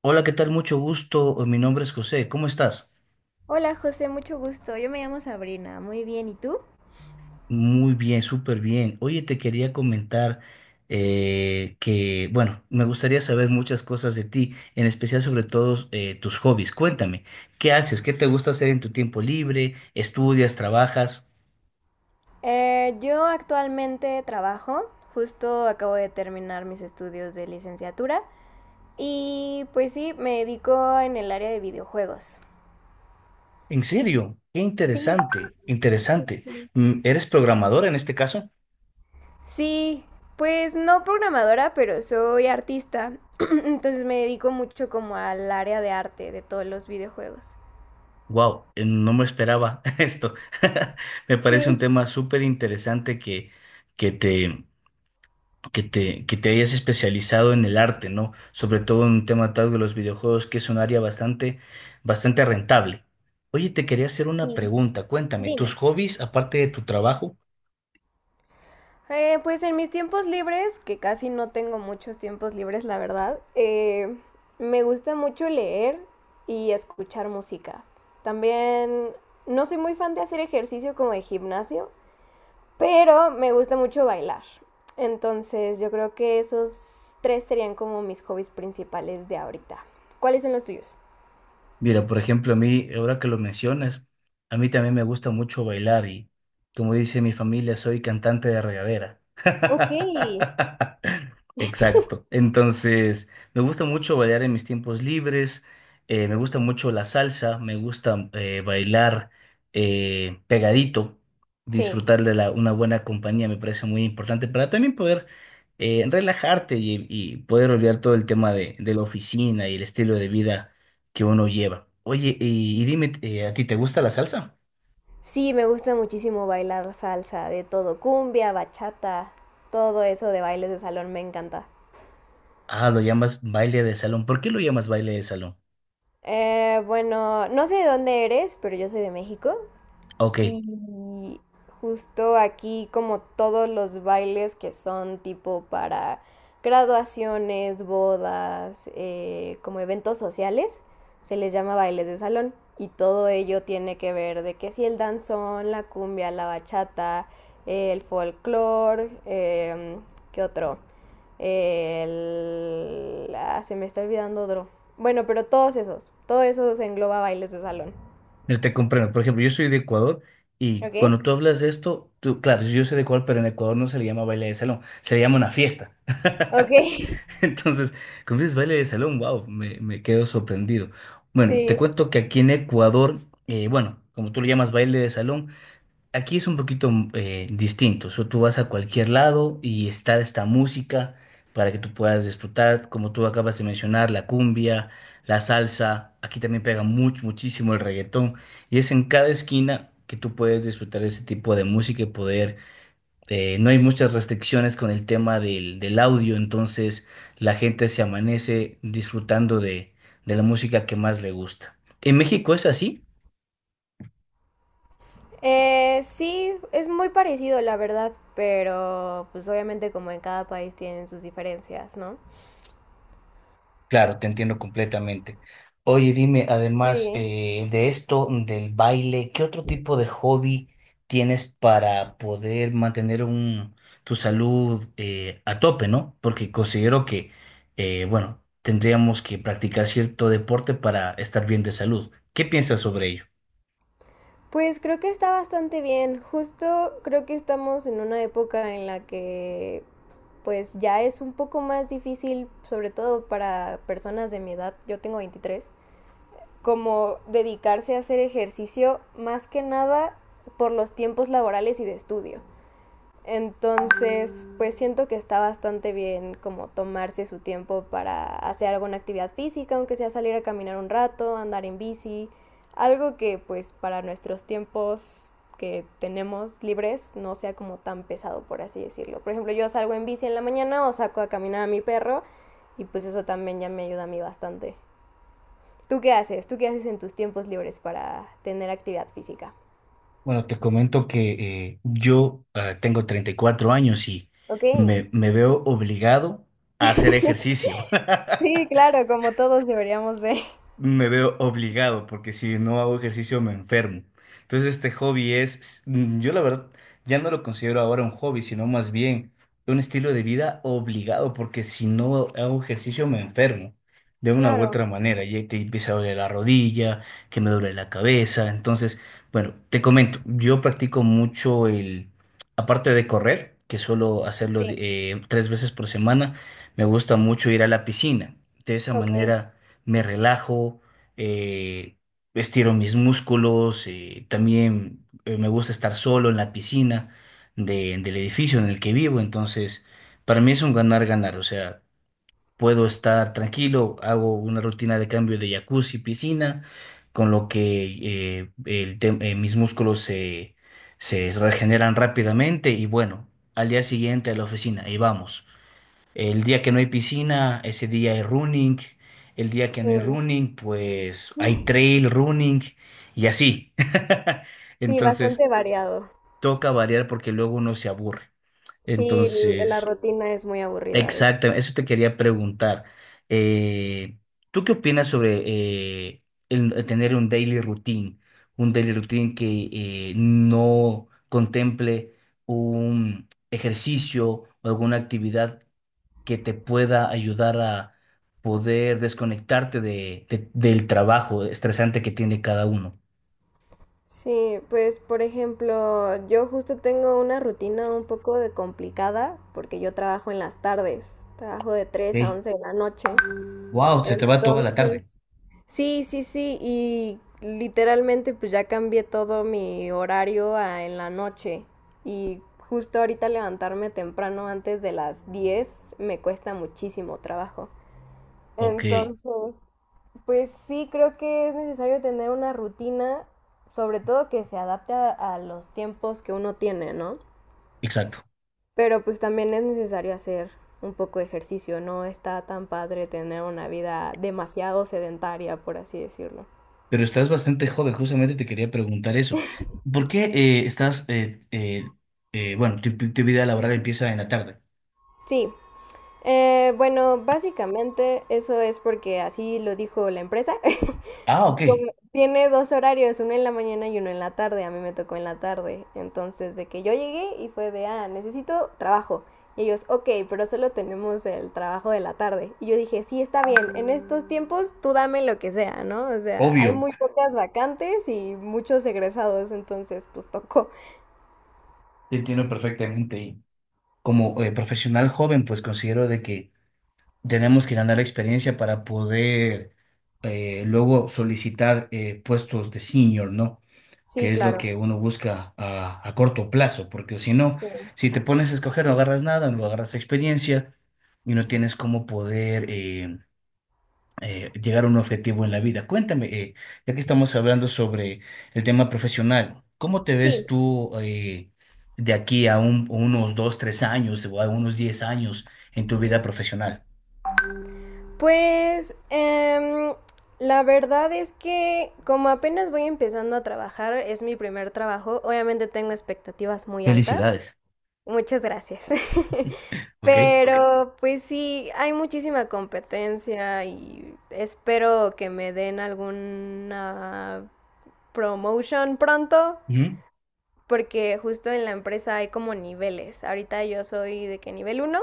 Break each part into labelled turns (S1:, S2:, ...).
S1: Hola, ¿qué tal? Mucho gusto. Mi nombre es José. ¿Cómo estás?
S2: Hola José, mucho gusto. Yo me llamo Sabrina. Muy bien, ¿y tú?
S1: Muy bien, súper bien. Oye, te quería comentar que, bueno, me gustaría saber muchas cosas de ti, en especial sobre todo tus hobbies. Cuéntame, ¿qué haces? ¿Qué te gusta hacer en tu tiempo libre? ¿Estudias? ¿Trabajas?
S2: Yo actualmente trabajo, justo acabo de terminar mis estudios de licenciatura y pues sí, me dedico en el área de videojuegos.
S1: En serio, qué
S2: Sí,
S1: interesante,
S2: sí,
S1: interesante.
S2: sí.
S1: ¿Eres programadora en este caso?
S2: Sí, pues no programadora, pero soy artista, entonces me dedico mucho como al área de arte de todos los videojuegos.
S1: Wow, no me esperaba esto. Me parece un
S2: Sí.
S1: tema súper interesante que, que te que te hayas especializado en el arte, ¿no? Sobre todo en un tema tal de los videojuegos, que es un área bastante rentable. Oye, te quería hacer una pregunta. Cuéntame, ¿tus hobbies, aparte de tu trabajo?
S2: Pues en mis tiempos libres, que casi no tengo muchos tiempos libres, la verdad, me gusta mucho leer y escuchar música. También no soy muy fan de hacer ejercicio como de gimnasio, pero me gusta mucho bailar. Entonces yo creo que esos tres serían como mis hobbies principales de ahorita. ¿Cuáles son los tuyos?
S1: Mira, por ejemplo, a mí, ahora que lo mencionas, a mí también me gusta mucho bailar y, como dice mi familia, soy cantante de regadera.
S2: Ok.
S1: Exacto. Entonces, me gusta mucho bailar en mis tiempos libres, me gusta mucho la salsa, me gusta bailar pegadito,
S2: Sí.
S1: disfrutar de una buena compañía. Me parece muy importante para también poder relajarte y poder olvidar todo el tema de la oficina y el estilo de vida que uno lleva. Oye, y dime, ¿a ti te gusta la salsa?
S2: Sí, me gusta muchísimo bailar salsa, de todo, cumbia, bachata, todo eso de bailes de salón me encanta.
S1: Ah, lo llamas baile de salón. ¿Por qué lo llamas baile de salón?
S2: Bueno, no sé de dónde eres, pero yo soy de México.
S1: Ok,
S2: Y justo aquí como todos los bailes que son tipo para graduaciones, bodas, como eventos sociales, se les llama bailes de salón. Y todo ello tiene que ver de que si el danzón, la cumbia, la bachata, el folclore, ¿qué otro? El... ah, se me está olvidando otro. Bueno, pero todos esos engloba bailes de salón.
S1: mira, te comprendo. Por ejemplo, yo soy de Ecuador y
S2: ¿Ok?
S1: cuando tú hablas de esto, tú, claro, yo soy de Ecuador, pero en Ecuador no se le llama baile de salón, se le llama una fiesta.
S2: Ok.
S1: Entonces, cuando dices baile de salón, wow, me quedo sorprendido. Bueno, te
S2: Sí.
S1: cuento que aquí en Ecuador, bueno, como tú lo llamas baile de salón, aquí es un poquito distinto. O sea, tú vas a cualquier lado y está esta música para que tú puedas disfrutar, como tú acabas de mencionar, la cumbia, la salsa. Aquí también pega mucho, muchísimo el reggaetón. Y es en cada esquina que tú puedes disfrutar ese tipo de música y poder. No hay muchas restricciones con el tema del audio, entonces la gente se amanece disfrutando de la música que más le gusta. ¿En México es así?
S2: Sí, es muy parecido, la verdad, pero pues obviamente como en cada país tienen sus diferencias, ¿no?
S1: Claro, te entiendo completamente. Oye, dime, además
S2: Sí.
S1: de esto, del baile, ¿qué otro tipo de hobby tienes para poder mantener tu salud a tope, ¿no? Porque considero que, bueno, tendríamos que practicar cierto deporte para estar bien de salud. ¿Qué piensas sobre ello?
S2: Pues creo que está bastante bien. Justo creo que estamos en una época en la que pues ya es un poco más difícil, sobre todo para personas de mi edad, yo tengo 23, como dedicarse a hacer ejercicio más que nada por los tiempos laborales y de estudio. Entonces, pues siento que está bastante bien como tomarse su tiempo para hacer alguna actividad física, aunque sea salir a caminar un rato, andar en bici, algo que pues para nuestros tiempos que tenemos libres no sea como tan pesado, por así decirlo. Por ejemplo, yo salgo en bici en la mañana o saco a caminar a mi perro y pues eso también ya me ayuda a mí bastante. ¿Tú qué haces? ¿Tú qué haces en tus tiempos libres para tener actividad física?
S1: Bueno, te comento que yo tengo 34 años y
S2: Ok.
S1: me veo obligado a hacer ejercicio.
S2: Sí, claro, como todos deberíamos de.
S1: Me veo obligado porque si no hago ejercicio me enfermo. Entonces este hobby es, yo la verdad ya no lo considero ahora un hobby, sino más bien un estilo de vida obligado porque si no hago ejercicio me enfermo de una u
S2: Claro,
S1: otra manera y te empieza a doler la rodilla, que me duele la cabeza. Entonces, bueno, te comento, yo practico mucho aparte de correr, que suelo hacerlo
S2: sí.
S1: 3 veces por semana, me gusta mucho ir a la piscina. De esa
S2: Ok,
S1: manera me relajo, eh, estiro mis músculos, también me gusta estar solo en la piscina del edificio en el que vivo, entonces para mí es un ganar-ganar, o sea, puedo estar tranquilo, hago una rutina de cambio de jacuzzi, piscina, con lo que mis músculos se regeneran rápidamente y bueno, al día siguiente a la oficina y vamos. El día que no hay piscina, ese día hay running. El día que no hay
S2: sí,
S1: running, pues hay trail running y así.
S2: sí,
S1: Entonces,
S2: bastante variado.
S1: toca variar porque luego uno se aburre.
S2: Sí, la
S1: Entonces,
S2: rutina es muy aburrida a veces.
S1: exactamente, eso te quería preguntar. Eh, ¿Tú qué opinas sobre eh, el tener un daily routine? Un daily routine que no contemple un ejercicio o alguna actividad que te pueda ayudar a poder desconectarte del trabajo estresante que tiene cada uno.
S2: Sí, pues por ejemplo, yo justo tengo una rutina un poco de complicada porque yo trabajo en las tardes, trabajo de 3 a
S1: ¿Ok?
S2: 11 de la noche.
S1: Wow, se te va toda la tarde.
S2: Entonces, sí, sí, sí, y literalmente pues ya cambié todo mi horario a en la noche y justo ahorita levantarme temprano antes de las 10 me cuesta muchísimo trabajo.
S1: Ok,
S2: Entonces, pues sí, creo que es necesario tener una rutina, sobre todo que se adapte a los tiempos que uno tiene, ¿no?
S1: exacto.
S2: Pero pues también es necesario hacer un poco de ejercicio, no está tan padre tener una vida demasiado sedentaria, por así decirlo.
S1: Pero estás bastante joven, justamente te quería preguntar eso. ¿Por qué bueno, tu vida laboral empieza en la tarde?
S2: Sí, bueno, básicamente eso es porque así lo dijo la empresa.
S1: Ah, ok,
S2: Tiene dos horarios, uno en la mañana y uno en la tarde. A mí me tocó en la tarde. Entonces, de que yo llegué y fue de, ah, necesito trabajo. Y ellos, ok, pero solo tenemos el trabajo de la tarde. Y yo dije, sí, está bien, en estos tiempos tú dame lo que sea, ¿no? O sea, hay
S1: obvio,
S2: muy pocas vacantes y muchos egresados, entonces pues tocó.
S1: te entiendo perfectamente. Y como profesional joven, pues considero de que tenemos que ganar experiencia para poder luego solicitar puestos de senior, ¿no?
S2: Sí,
S1: Que es lo
S2: claro.
S1: que uno busca a corto plazo, porque si no,
S2: Sí.
S1: si te pones a escoger, no agarras nada, no agarras experiencia y no tienes cómo poder llegar a un objetivo en la vida. Cuéntame, ya que estamos hablando sobre el tema profesional, ¿cómo te ves
S2: Sí.
S1: tú de aquí a unos 2, 3 años o a unos 10 años en tu vida profesional?
S2: Pues em, la verdad es que como apenas voy empezando a trabajar, es mi primer trabajo, obviamente tengo expectativas muy altas.
S1: Felicidades.
S2: Muchas gracias.
S1: Ok.
S2: Pero pues sí, hay muchísima competencia y espero que me den alguna promotion pronto,
S1: Ujú.
S2: porque justo en la empresa hay como niveles. Ahorita yo soy de que nivel uno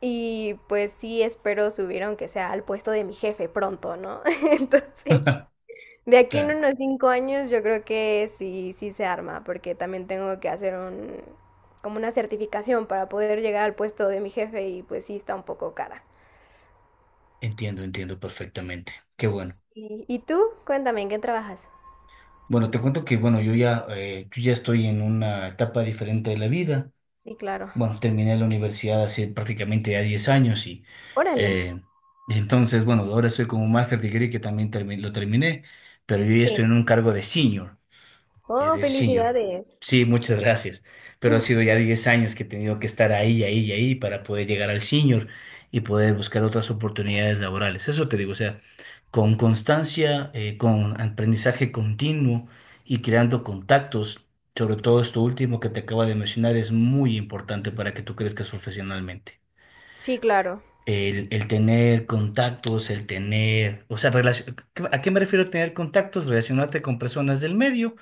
S2: y pues sí, espero subir aunque sea al puesto de mi jefe pronto, ¿no? Entonces, de aquí
S1: Claro,
S2: en unos 5 años yo creo que sí, sí se arma, porque también tengo que hacer un, como una certificación para poder llegar al puesto de mi jefe y pues sí está un poco cara.
S1: entiendo, entiendo perfectamente. Qué bueno.
S2: ¿Y tú? Cuéntame, ¿en qué trabajas?
S1: Bueno, te cuento que, bueno, yo ya, yo ya estoy en una etapa diferente de la vida.
S2: Sí, claro.
S1: Bueno, terminé la universidad hace prácticamente ya 10 años y
S2: Órale.
S1: eh, entonces, bueno, ahora estoy con un master degree que también lo terminé, pero yo ya
S2: Sí.
S1: estoy en un cargo de senior. eh,
S2: Oh,
S1: de senior.
S2: felicidades.
S1: Sí, muchas gracias. Pero ha sido ya 10 años que he tenido que estar ahí, ahí y ahí para poder llegar al senior y poder buscar otras oportunidades laborales. Eso te digo, o sea, con constancia, con aprendizaje continuo y creando contactos, sobre todo esto último que te acabo de mencionar, es muy importante para que tú crezcas profesionalmente.
S2: Sí, claro.
S1: El tener contactos, el tener, o sea, ¿a qué me refiero tener contactos? Relacionarte con personas del medio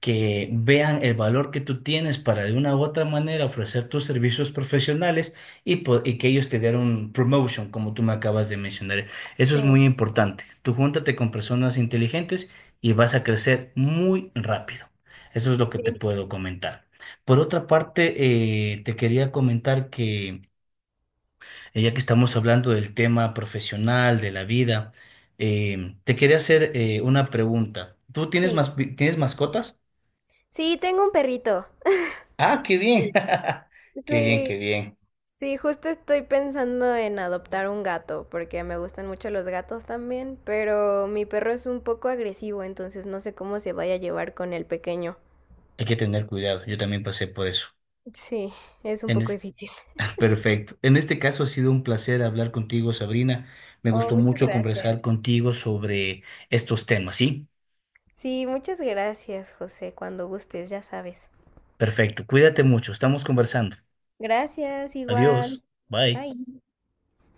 S1: que vean el valor que tú tienes para de una u otra manera ofrecer tus servicios profesionales y que ellos te den un promotion, como tú me acabas de mencionar. Eso es
S2: Sí,
S1: muy importante. Tú júntate con personas inteligentes y vas a crecer muy rápido. Eso es lo que te
S2: sí,
S1: puedo comentar. Por otra parte, te quería comentar que ya que estamos hablando del tema profesional, de la vida, te quería hacer una pregunta. ¿Tú tienes
S2: sí.
S1: tienes mascotas?
S2: Sí, tengo un perrito.
S1: Ah, qué bien. Qué bien, qué
S2: Sí.
S1: bien.
S2: Sí, justo estoy pensando en adoptar un gato, porque me gustan mucho los gatos también, pero mi perro es un poco agresivo, entonces no sé cómo se vaya a llevar con el pequeño.
S1: Hay que tener cuidado. Yo también pasé por eso.
S2: Sí, es un
S1: En
S2: poco
S1: es-
S2: difícil.
S1: Perfecto. En este caso ha sido un placer hablar contigo, Sabrina. Me
S2: Oh,
S1: gustó
S2: muchas
S1: mucho conversar
S2: gracias.
S1: contigo sobre estos temas, ¿sí?
S2: Sí, muchas gracias, José, cuando gustes, ya sabes.
S1: Perfecto. Cuídate mucho. Estamos conversando.
S2: Gracias, igual.
S1: Adiós. Bye.
S2: Bye.